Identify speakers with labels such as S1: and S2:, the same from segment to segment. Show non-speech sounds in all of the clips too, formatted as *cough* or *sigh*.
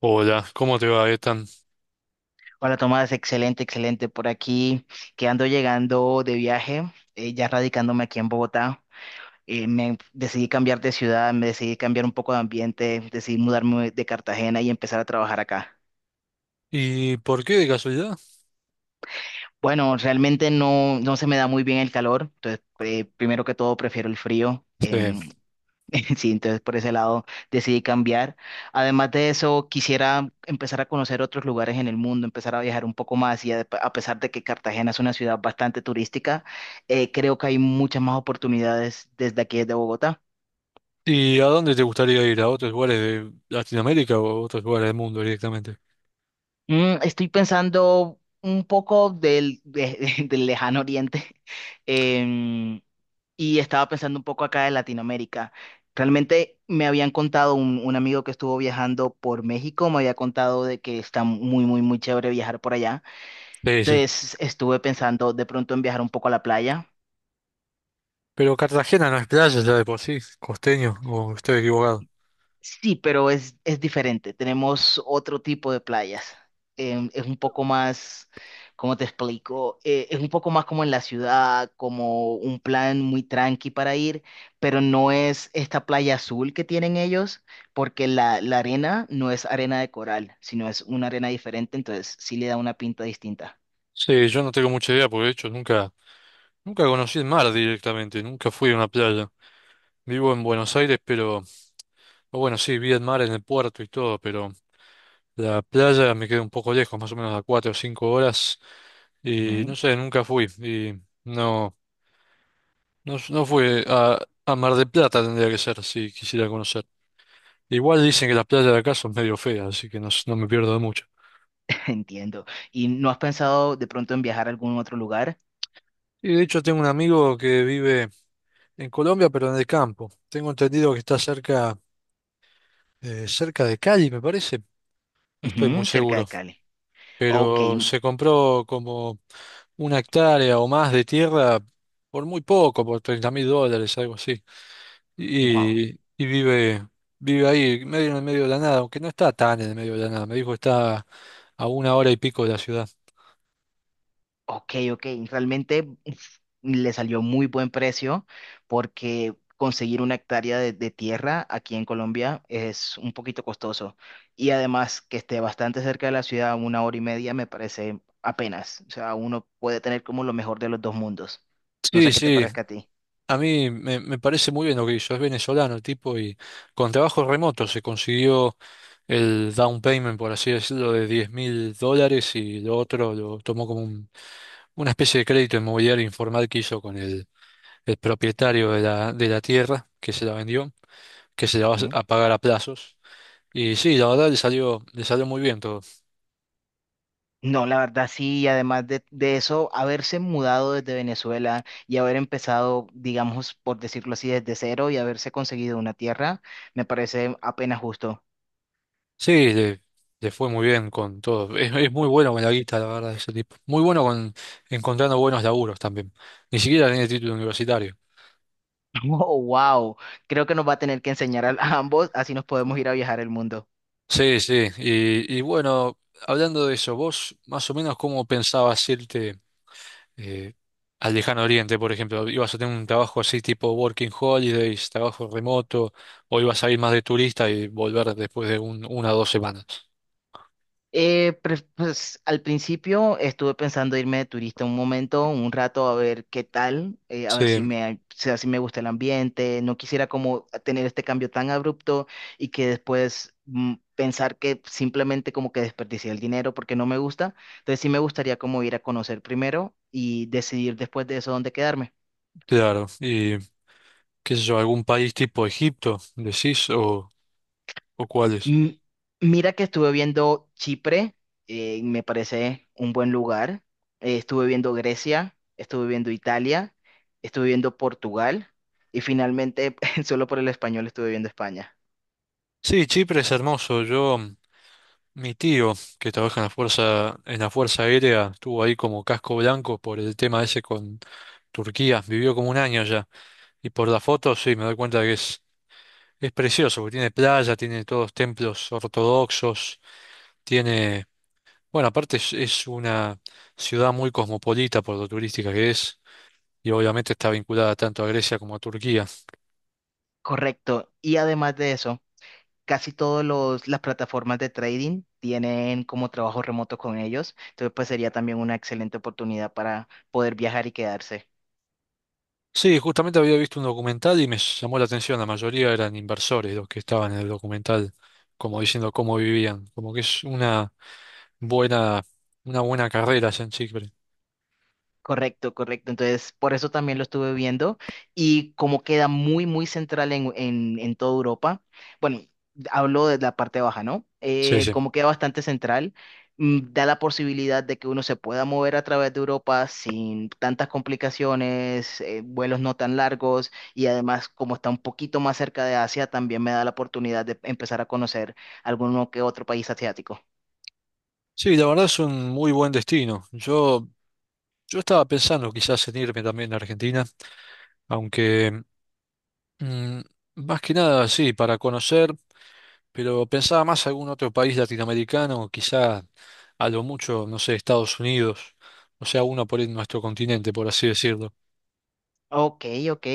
S1: Hola, ¿cómo te va, Ethan?
S2: Hola Tomás, excelente, excelente por aquí, que ando llegando de viaje, ya radicándome aquí en Bogotá. Me decidí cambiar de ciudad, me decidí cambiar un poco de ambiente, decidí mudarme de Cartagena y empezar a trabajar acá.
S1: ¿Y por qué de casualidad?
S2: Bueno, realmente no se me da muy bien el calor, entonces primero que todo prefiero el frío.
S1: Sí.
S2: *laughs* Sí, entonces por ese lado decidí cambiar. Además de eso, quisiera empezar a conocer otros lugares en el mundo, empezar a viajar un poco más y, a pesar de que Cartagena es una ciudad bastante turística, creo que hay muchas más oportunidades desde aquí, desde Bogotá.
S1: ¿Y a dónde te gustaría ir? ¿A otros lugares de Latinoamérica o a otros lugares del mundo directamente?
S2: Estoy pensando un poco *laughs* del lejano oriente. Em, y estaba pensando un poco acá de Latinoamérica. Realmente me habían contado un amigo que estuvo viajando por México, me había contado de que está muy, muy, muy chévere viajar por allá.
S1: Sí, sí.
S2: Entonces estuve pensando de pronto en viajar un poco a la playa.
S1: ¿Pero Cartagena no es playa ya de por sí, costeño, o estoy equivocado?
S2: Sí, pero es diferente. Tenemos otro tipo de playas. Es un poco más, ¿cómo te explico? Es un poco más como en la ciudad, como un plan muy tranqui para ir, pero no es esta playa azul que tienen ellos, porque la arena no es arena de coral, sino es una arena diferente, entonces sí le da una pinta distinta.
S1: Sí, yo no tengo mucha idea, porque de hecho nunca conocí el mar directamente, nunca fui a una playa. Vivo en Buenos Aires, o bueno, sí, vi el mar en el puerto y todo, pero la playa me queda un poco lejos, más o menos a 4 o 5 horas, y no
S2: Ujú,
S1: sé, nunca fui, y no. No, no fue a Mar del Plata tendría que ser si quisiera conocer. Igual dicen que las playas de acá son medio feas, así que no, no me pierdo de mucho.
S2: *laughs* entiendo. ¿Y no has pensado de pronto en viajar a algún otro lugar?
S1: Y de hecho tengo un amigo que vive en Colombia, pero en el campo. Tengo entendido que está cerca de Cali, me parece. No estoy muy
S2: Ujú, cerca
S1: seguro.
S2: de Cali. Ok,
S1: Pero se compró como una hectárea o más de tierra por muy poco, por 30.000 dólares, algo así.
S2: wow.
S1: Y, y vive, vive ahí, medio en el medio de la nada, aunque no está tan en el medio de la nada. Me dijo que está a una hora y pico de la ciudad.
S2: Ok, ok. Realmente uf, le salió muy buen precio porque conseguir una hectárea de tierra aquí en Colombia es un poquito costoso. Y además que esté bastante cerca de la ciudad, una hora y media, me parece apenas. O sea, uno puede tener como lo mejor de los dos mundos. No
S1: Sí,
S2: sé qué te
S1: sí,
S2: parezca a ti.
S1: a mí me parece muy bien lo que hizo. Es venezolano el tipo y con trabajo remoto se consiguió el down payment, por así decirlo, de 10.000 dólares y lo otro lo tomó como un, una especie de crédito inmobiliario informal que hizo con el propietario de la tierra que se la vendió, que se la va
S2: Ujú.
S1: a pagar a plazos. Y sí, la verdad le salió muy bien todo.
S2: No, la verdad sí, y además de eso, haberse mudado desde Venezuela y haber empezado, digamos, por decirlo así, desde cero y haberse conseguido una tierra, me parece apenas justo.
S1: Sí, le fue muy bien con todo. Es muy bueno con la guita, la verdad, ese tipo. Muy bueno con encontrando buenos laburos también. Ni siquiera tiene título universitario.
S2: Oh, wow. Creo que nos va a tener que enseñar a ambos, así nos podemos ir a viajar el mundo.
S1: Sí, sí. Y bueno, hablando de eso, vos más o menos cómo pensabas irte. eh, Al lejano oriente, por ejemplo. Ibas a tener un trabajo así tipo working holidays, trabajo remoto, o ibas a ir más de turista y volver después de una o dos semanas.
S2: Pues al principio estuve pensando irme de turista un momento, un rato, a ver qué tal, a
S1: Sí,
S2: ver si me, o sea, si me gusta el ambiente. No quisiera como tener este cambio tan abrupto y que después pensar que simplemente como que desperdicié el dinero porque no me gusta. Entonces sí me gustaría como ir a conocer primero y decidir después de eso dónde quedarme.
S1: claro. Y qué sé yo, algún país tipo Egipto, decís, o cuáles.
S2: Mm, Mira que estuve viendo Chipre, me parece un buen lugar. Estuve viendo Grecia, estuve viendo Italia, estuve viendo Portugal y finalmente, *laughs* solo por el español, estuve viendo España.
S1: Sí, Chipre es hermoso. Yo, mi tío, que trabaja en la Fuerza Aérea, estuvo ahí como casco blanco por el tema ese con Turquía, vivió como un año allá. Y por las fotos, sí, me doy cuenta que es... Es precioso, porque tiene playa, tiene todos templos ortodoxos, tiene, bueno, aparte es una ciudad muy cosmopolita por lo turística que es, y obviamente está vinculada tanto a Grecia como a Turquía.
S2: Correcto. Y además de eso, casi todas las plataformas de trading tienen como trabajo remoto con ellos. Entonces, pues sería también una excelente oportunidad para poder viajar y quedarse.
S1: Sí, justamente había visto un documental y me llamó la atención, la mayoría eran inversores los que estaban en el documental, como diciendo cómo vivían, como que es buena, una buena carrera allá en Chipre.
S2: Correcto, correcto. Entonces, por eso también lo estuve viendo y como queda muy, muy central en toda Europa. Bueno, hablo de la parte baja, ¿no?
S1: Sí, sí.
S2: Como queda bastante central, da la posibilidad de que uno se pueda mover a través de Europa sin tantas complicaciones, vuelos no tan largos y además como está un poquito más cerca de Asia, también me da la oportunidad de empezar a conocer alguno que otro país asiático.
S1: Sí, la verdad es un muy buen destino. Yo estaba pensando quizás en irme también a Argentina. Aunque, mm, más que nada, sí, para conocer, pero pensaba más algún otro país latinoamericano, quizá a lo mucho, no sé, Estados Unidos, o sea, uno por en nuestro continente, por así decirlo.
S2: Ok, ok.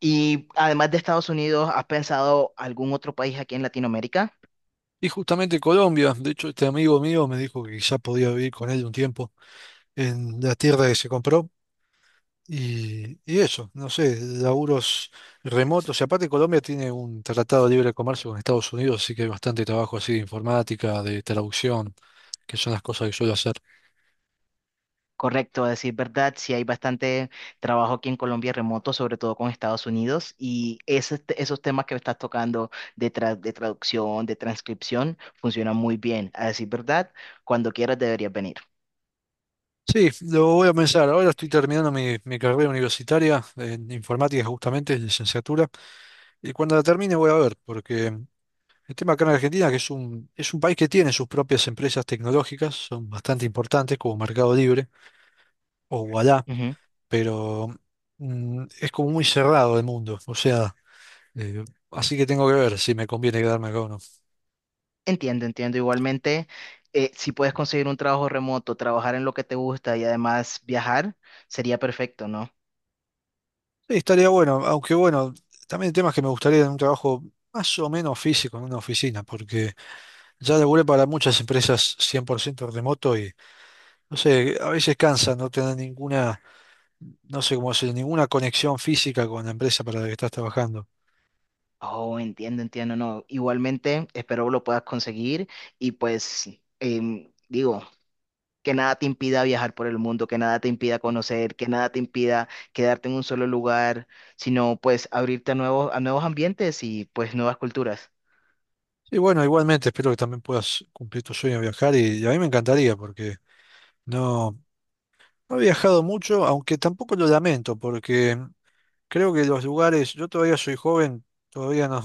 S2: Y además de Estados Unidos, ¿has pensado algún otro país aquí en Latinoamérica?
S1: Y justamente Colombia, de hecho, este amigo mío me dijo que quizá podía vivir con él un tiempo en la tierra que se compró. Y eso, no sé, laburos remotos. Y aparte Colombia tiene un tratado de libre comercio con Estados Unidos, así que hay bastante trabajo así de informática, de traducción, que son las cosas que suelo hacer.
S2: Correcto, a decir verdad, sí hay bastante trabajo aquí en Colombia remoto, sobre todo con Estados Unidos, y esos temas que estás tocando de traducción, de transcripción, funcionan muy bien. A decir verdad, cuando quieras deberías venir.
S1: Sí, lo voy a pensar. Ahora estoy terminando mi carrera universitaria en informática justamente, en licenciatura. Y cuando la termine voy a ver, porque el tema acá en Argentina, que es un, país que tiene sus propias empresas tecnológicas, son bastante importantes como Mercado Libre o Ualá.
S2: Ujú.
S1: Pero mm, es como muy cerrado el mundo, o sea, eh, así que tengo que ver si me conviene quedarme acá o no. Sí,
S2: Entiendo, entiendo. Igualmente, si puedes conseguir un trabajo remoto, trabajar en lo que te gusta y además viajar, sería perfecto, ¿no?
S1: estaría bueno, aunque bueno, también el tema es que me gustaría en un trabajo más o menos físico, en una oficina, porque ya laburé para muchas empresas 100% remoto y, no sé, a veces cansa no tener ninguna, no sé cómo decir, ninguna conexión física con la empresa para la que estás trabajando.
S2: Oh, entiendo, entiendo, no. Igualmente, espero lo puedas conseguir y pues digo, que nada te impida viajar por el mundo, que nada te impida conocer, que nada te impida quedarte en un solo lugar, sino pues abrirte a nuevos ambientes y pues nuevas culturas.
S1: Y bueno, igualmente espero que también puedas cumplir tu sueño de viajar y a mí me encantaría porque... No, no he viajado mucho, aunque tampoco lo lamento, porque creo que los lugares, yo todavía soy joven, todavía no,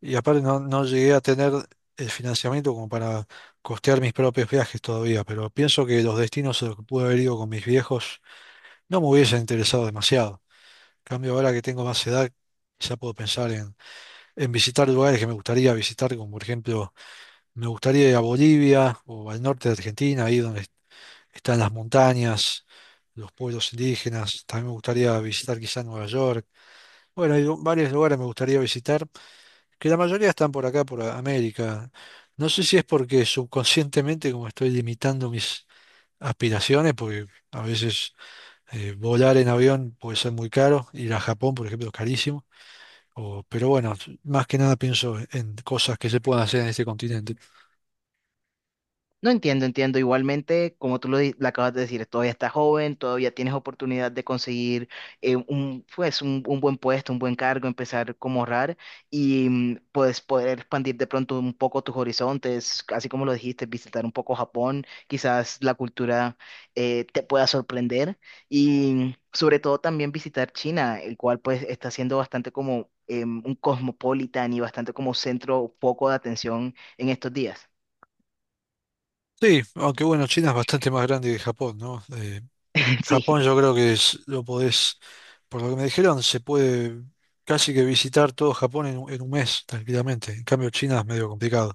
S1: y aparte no, no llegué a tener el financiamiento como para costear mis propios viajes todavía, pero pienso que los destinos a los que pude haber ido con mis viejos no me hubiesen interesado demasiado. En cambio, ahora que tengo más edad, ya puedo pensar en visitar lugares que me gustaría visitar, como por ejemplo me gustaría ir a Bolivia o al norte de Argentina, ahí donde están las montañas, los pueblos indígenas. También me gustaría visitar quizá Nueva York. Bueno, hay varios lugares me gustaría visitar, que la mayoría están por acá, por América. No sé si es porque subconscientemente como estoy limitando mis aspiraciones, porque a veces volar en avión puede ser muy caro, ir a Japón, por ejemplo, es carísimo. Pero bueno, más que nada pienso en cosas que se puedan hacer en este continente.
S2: No entiendo, entiendo. Igualmente, como tú lo acabas de decir, todavía estás joven, todavía tienes oportunidad de conseguir pues un buen puesto, un buen cargo, empezar como ahorrar y pues poder expandir de pronto un poco tus horizontes, así como lo dijiste, visitar un poco Japón, quizás la cultura te pueda sorprender y sobre todo también visitar China, el cual pues está siendo bastante como un cosmopolitan y bastante como centro, foco de atención en estos días.
S1: Sí, aunque bueno, China es bastante más grande que Japón, ¿no?
S2: *laughs* Sí.
S1: Japón yo creo que lo podés, por lo que me dijeron, se puede casi que visitar todo Japón en, un mes tranquilamente. En cambio, China es medio complicado.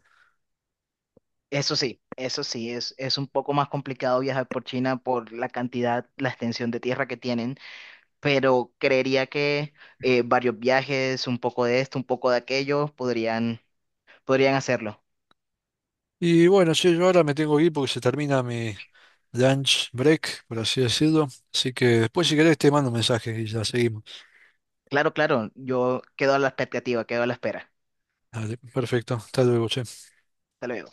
S2: Eso sí, eso sí, es un poco más complicado viajar por China por la cantidad, la extensión de tierra que tienen, pero creería que varios viajes, un poco de esto, un poco de aquello, podrían hacerlo.
S1: Y bueno, sí, yo ahora me tengo que ir porque se termina mi lunch break, por así decirlo. Así que después si querés te mando un mensaje y ya seguimos.
S2: Claro, claro, yo quedo a la expectativa, quedo a la espera.
S1: Dale, perfecto. Hasta luego, che.
S2: Hasta luego.